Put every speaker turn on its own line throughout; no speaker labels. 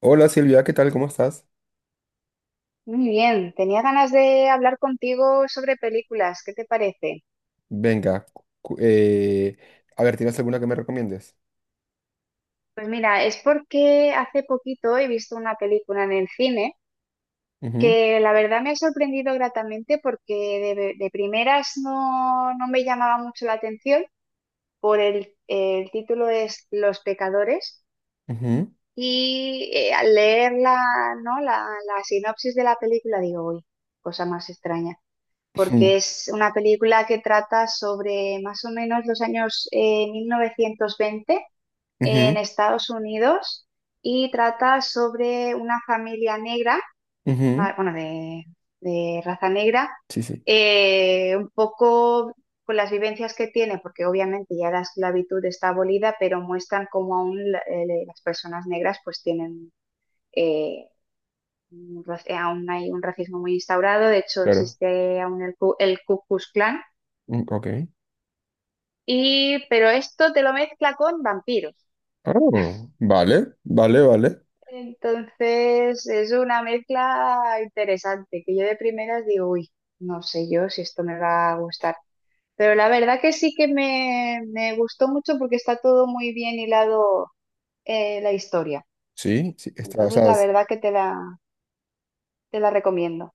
Hola Silvia, ¿qué tal? ¿Cómo estás?
Muy bien, tenía ganas de hablar contigo sobre películas, ¿qué te parece?
Venga, cu- eh, a ver, ¿tienes alguna que me recomiendes?
Pues mira, es porque hace poquito he visto una película en el cine
Ujú,
que la verdad me ha sorprendido gratamente porque de primeras, no me llamaba mucho la atención por el título es Los pecadores.
ujú,
Y al leer la, ¿no?, la sinopsis de la película digo, uy, cosa más extraña. Porque
ujú,
es una película que trata sobre más o menos los años 1920 en
ujú,
Estados Unidos, y trata sobre una familia negra,
ujú.
bueno, de raza negra,
Sí, sí,
un poco con las vivencias que tiene, porque obviamente ya la esclavitud está abolida, pero muestran cómo aún las personas negras pues tienen. Eh, un raci- aún hay un racismo muy instaurado, de hecho
claro.
existe aún el Ku Klux Klan.
Mm. Ok.
Pero esto te lo mezcla con vampiros.
Ah, vale, vale, vale.
Entonces es una mezcla interesante, que yo de primeras digo, uy, no sé yo si esto me va a gustar. Pero la verdad que sí que me gustó mucho porque está todo muy bien hilado, la historia.
Sí, sí, está, o
Entonces
sea,
la verdad que te la recomiendo.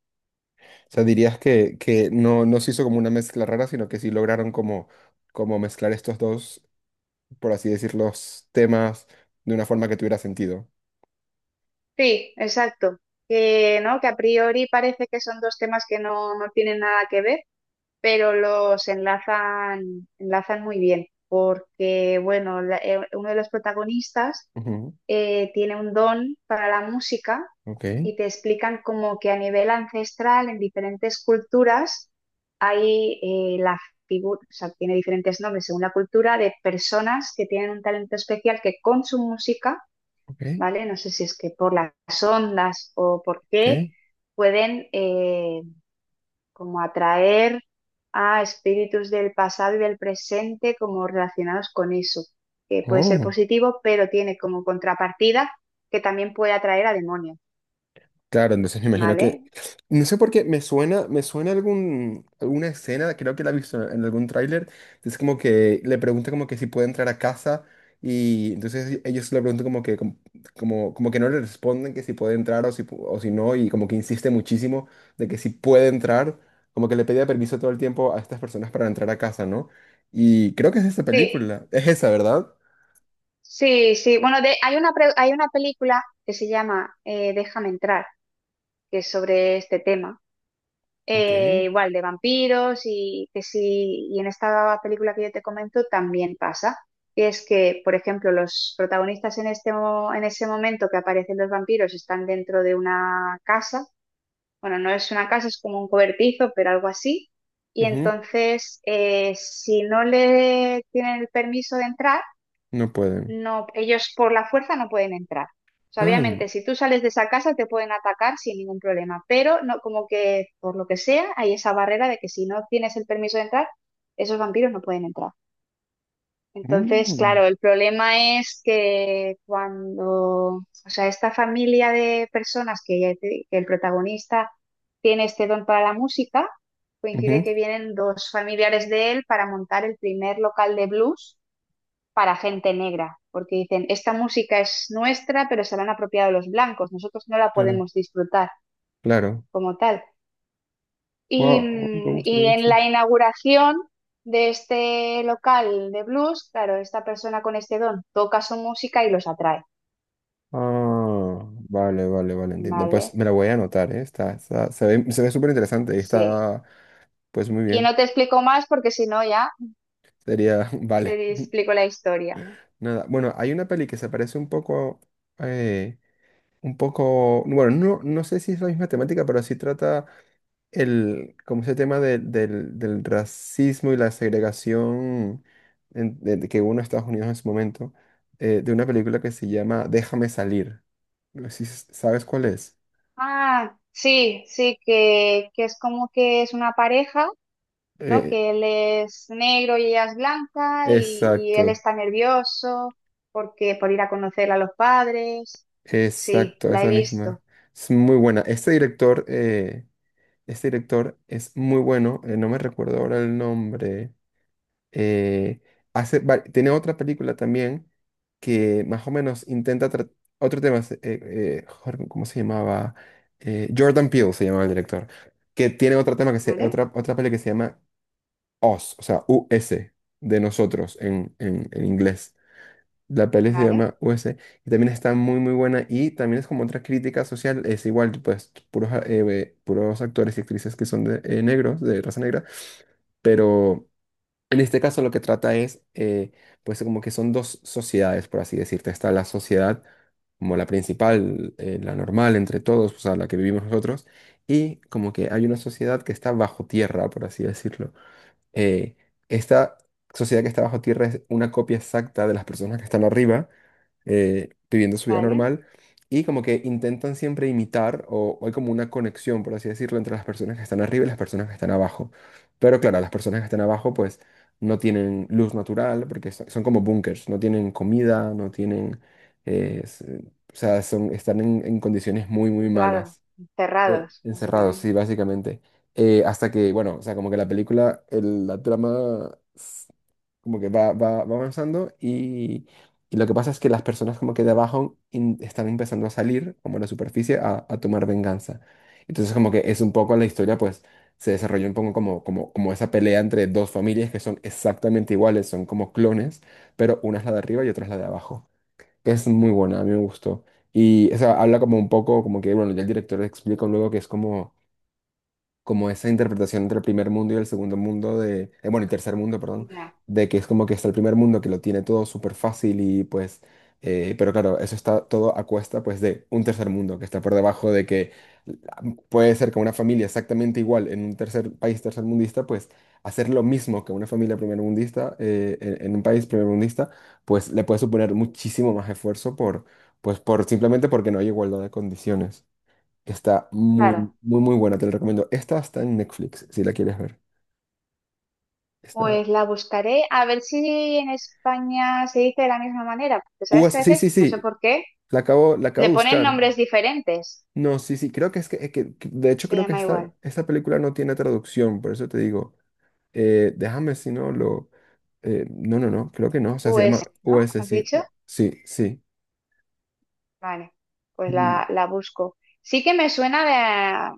o sea, dirías que, no, no se hizo como una mezcla rara, sino que sí lograron como, como mezclar estos dos, por así decir, los temas de una forma que tuviera sentido.
Sí, exacto. Que, ¿no?, que a priori parece que son dos temas que no tienen nada que ver, pero los enlazan muy bien, porque, bueno, uno de los protagonistas
Ujú.
tiene un don para la música,
Ok,
y te explican como que a nivel ancestral, en diferentes culturas, hay la figura, o sea, tiene diferentes nombres según la cultura, de personas que tienen un talento especial que con su música,
ok,
¿vale? No sé si es que por las ondas o por qué,
ok.
pueden como atraer a espíritus del pasado y del presente como relacionados con eso, que puede ser
Oh.
positivo, pero tiene como contrapartida que también puede atraer a demonios,
Claro, entonces me imagino
¿vale?
que no sé por qué, me suena alguna escena, creo que la he visto en algún tráiler, es como que le pregunta como que si puede entrar a casa y entonces ellos le preguntan como que, como, como, como que no le responden que si puede entrar o si, o si no, y como que insiste muchísimo de que si puede entrar, como que le pedía permiso todo el tiempo a estas personas para entrar a casa, ¿no? Y creo que es esa
Sí,
película, es esa, ¿verdad?
sí, sí. Bueno, hay una película que se llama Déjame entrar, que es sobre este tema.
Ok.
Igual de vampiros, y que sí, y en esta película que yo te comento también pasa, que es que, por ejemplo, los protagonistas en en ese momento que aparecen los vampiros están dentro de una casa, bueno, no es una casa, es como un cobertizo, pero algo así, y
Ujú.
entonces si no le tienen el permiso de entrar,
No pueden.
no, ellos por la fuerza no pueden entrar. O sea,
Ah,
obviamente, si tú sales de esa casa te pueden atacar sin ningún problema, pero no, como que por lo que sea, hay esa barrera de que si no tienes el permiso de entrar, esos vampiros no pueden entrar. Entonces,
mm,
claro, el problema es que cuando, o sea, esta familia de personas que, que el protagonista tiene este don para la música, coincide
ujú,
que vienen dos familiares de él para montar el primer local de blues para gente negra, porque dicen, esta música es nuestra, pero se la han apropiado los blancos, nosotros no la
claro.
podemos disfrutar
Claro.
como tal. Y,
Wow, me
mm,
gusta, me
y en
gusta.
la inauguración de este local de blues, claro, esta persona con este don toca su música y los atrae,
Ah, vale, vale, vale, entiendo. Pues
¿vale?
me la voy a anotar, ¿eh? Está, se ve súper interesante y
Sí.
está, pues muy
Y
bien.
no te explico más porque si no ya
Sería, vale.
te explico la historia.
Nada, bueno, hay una peli que se parece eh, un poco, bueno, no, no sé si es la misma temática, pero sí trata el, como ese tema del, del racismo y la segregación de que hubo en Estados Unidos en su momento, de una película que se llama Déjame salir. No sé si sabes cuál es.
Ah, sí, sí, que es como que es una pareja, ¿no?
Eh,
Que él es negro y ella es blanca, y él
exacto,
está nervioso porque por ir a conocer a los padres. Sí,
exacto,
la he
esa
visto.
misma. Es muy buena. Este director es muy bueno. No me recuerdo ahora el nombre. eh, Hace, tiene otra película también que más o menos intenta otro tema. Joder, ¿cómo se llamaba? Jordan Peele se llamaba el director. Que tiene otro tema que se,
Vale,
otra, otra peli que se llama US, o sea, U S de nosotros en inglés. La peli se
vale,
llama US y también está muy muy buena, y también es como otra crítica social, es igual, pues puros, puros actores y actrices que son de, negros, de raza negra, pero en este caso lo que trata es, pues como que son dos sociedades, por así decirte. Está la sociedad como la principal, la normal entre todos, o sea, la que vivimos nosotros, y como que hay una sociedad que está bajo tierra, por así decirlo. eh, Esta sociedad que está bajo tierra es una copia exacta de las personas que están arriba, viviendo su vida
vale.
normal, y como que intentan siempre imitar, o hay como una conexión, por así decirlo, entre las personas que están arriba y las personas que están abajo. Pero claro, las personas que están abajo pues no tienen luz natural, porque son como búnkers, no tienen comida, no tienen... eh, s- o sea, son, están en condiciones muy, muy
Pues claro,
malas.
cerrados,
Encerrados, sí,
básicamente.
básicamente. Hasta que, bueno, o sea, como que la película, la trama, como que va, va, va avanzando, y lo que pasa es que las personas como que de abajo están empezando a salir, como a la superficie, a tomar venganza. Entonces como que es un poco la historia, pues se desarrolló un poco como, como, como esa pelea entre dos familias que son exactamente iguales, son como clones, pero una es la de arriba y otra es la de abajo. Es muy buena, a mí me gustó. Y, o sea, habla como un poco, como que, bueno, ya el director explica luego que es como como esa interpretación entre el primer mundo y el segundo mundo de, bueno, el tercer mundo, perdón,
Ya,
de que es como que está el primer mundo que lo tiene todo súper fácil y pues, pero claro, eso está todo a cuesta pues de un tercer mundo que está por debajo de que la- puede ser que una familia exactamente igual en un tercer país tercermundista, pues hacer lo mismo que una familia primermundista en un país primermundista, pues le puede suponer muchísimo más esfuerzo por, pues por simplemente porque no hay igualdad de condiciones. Está muy,
claro.
muy, muy buena, te la recomiendo. Esta está en Netflix, si la quieres ver. Está...
Pues la buscaré a ver si en España se dice de la misma manera, porque
U
sabes
S
que a
sí, sí,
veces, no sé
sí,
por qué,
la acabo
le
de
ponen
buscar.
nombres diferentes.
No, sí, sí, creo que es que, de hecho
Se
creo que
llama
esta,
igual.
esta película no tiene traducción, por eso te digo, déjame si no lo... no, no, no, creo que no, o sea, se
US,
llama
¿no?
U S
¿Has
sí,
dicho?
oh, sí, sí.
Vale, pues
Mm.
la busco. Sí que me suena de,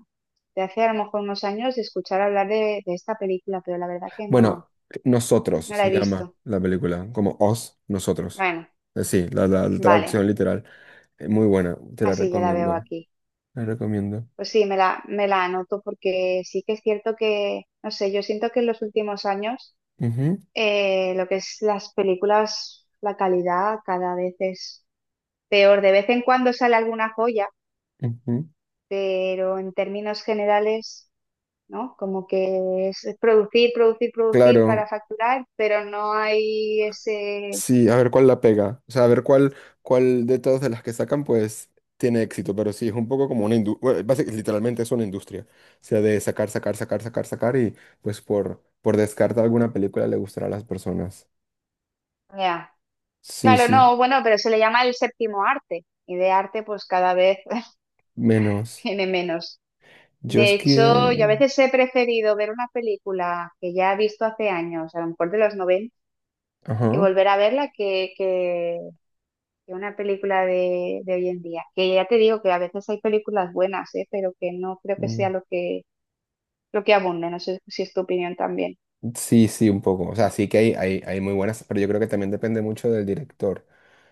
de hace a lo mejor unos años de escuchar hablar de esta película, pero la verdad que no,
Bueno, Nosotros
no la
se
he
llama
visto.
la película, como Os, Nosotros.
Bueno,
Sí, la traducción
vale,
literal. Muy buena, te la
así ya la veo
recomiendo,
aquí.
la recomiendo.
Pues sí, me la anoto porque sí que es cierto que, no sé, yo siento que en los últimos años
Ujú.
lo que es las películas, la calidad cada vez es peor. De vez en cuando sale alguna joya,
Ujú.
pero en términos generales, ¿no? Como que es producir, producir, producir para
Claro,
facturar, pero no hay ese.
sí, a ver cuál la pega. O sea, a ver cuál, cuál de todas de las que sacan, pues tiene éxito. Pero sí, es un poco como una industria. Literalmente es una industria. O sea, de sacar, sacar, sacar, sacar, sacar. Y pues por descarte alguna película le gustará a las personas.
Ya.
Sí,
Claro,
sí,
no, bueno, pero se le llama el séptimo arte y de arte pues cada vez
menos.
tiene menos.
Yo es
De
que.
hecho, yo a veces he preferido ver una película que ya he visto hace años, a lo mejor de los 90, y
Ajá.
volver a verla que, que una película de hoy en día. Que ya te digo que a veces hay películas buenas, ¿eh?, pero que no creo que sea
Mm.
lo que, abunde. No sé si es tu opinión también.
Sí, sí, un poco. O sea, sí que hay muy buenas, pero yo creo que también depende mucho del director.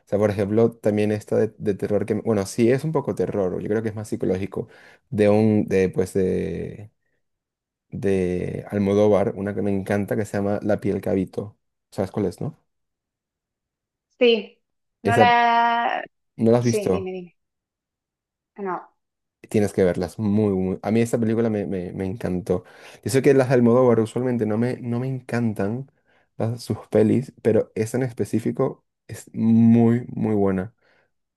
O sea, por ejemplo, también esta de terror que, bueno, sí es un poco terror, yo creo que es más psicológico, de un, de, pues, de, de Almodóvar, una que me encanta que se llama La piel que habito. ¿Sabes cuál es, no?
Sí, no
Esa,
la.
¿no la has
Sí, dime,
visto?
dime. No,
Tienes que verlas, muy, muy. A mí esta película me, me, me encantó. Yo sé que las de Almodóvar usualmente no me, no me encantan sus pelis, pero esta en específico es muy, muy buena.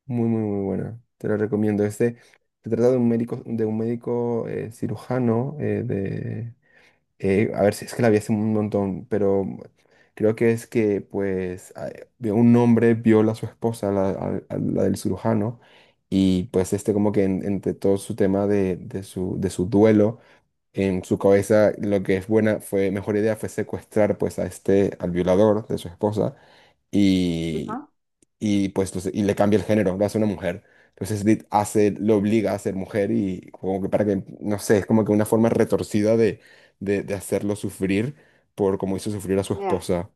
Muy, muy, muy buena. Te la recomiendo. Este se trata de un médico cirujano a ver, si es que la vi hace un montón, pero creo que es que, pues, vio un hombre, viola a su esposa, la, a la del cirujano, y pues este como que entre todo su tema de su duelo, en su cabeza lo que es buena, fue mejor idea fue secuestrar pues a este, al violador de su esposa,
ajá,
y pues y le cambia el género, lo hace una mujer. Entonces Dit hace, lo obliga a ser mujer y como que para que, no sé, es como que una forma retorcida de hacerlo sufrir por como hizo sufrir a su
mira,
esposa.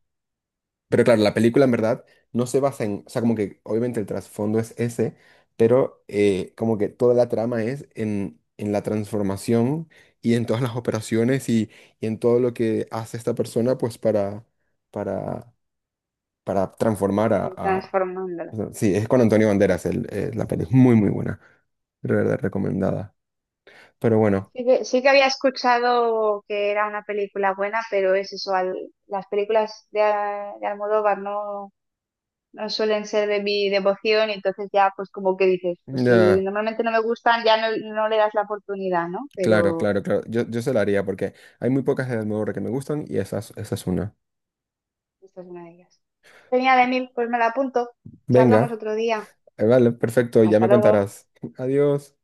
Pero claro, la película en verdad no se basa en, o sea, como que obviamente el trasfondo es ese, pero como que toda la trama es en la transformación y en todas las operaciones, y en todo lo que hace esta persona pues para para transformar
estoy
a-
transformándola.
Sí, es con Antonio Banderas el, la peli, es muy, muy buena, de verdad recomendada. Pero bueno,
Sí que había escuchado que era una película buena, pero es eso, las películas de Almodóvar no suelen ser de mi devoción y entonces ya pues como que dices, pues si
ya,
normalmente no me gustan ya no le das la oportunidad, ¿no?
claro,
Pero
claro, claro, yo se la haría porque hay muy pocas de Almodóvar que me gustan y esa es una.
esta es una de ellas. Genial, Emil, pues me la apunto. Charlamos
Venga,
otro día.
vale, perfecto, ya
Hasta
me
luego.
contarás. Adiós.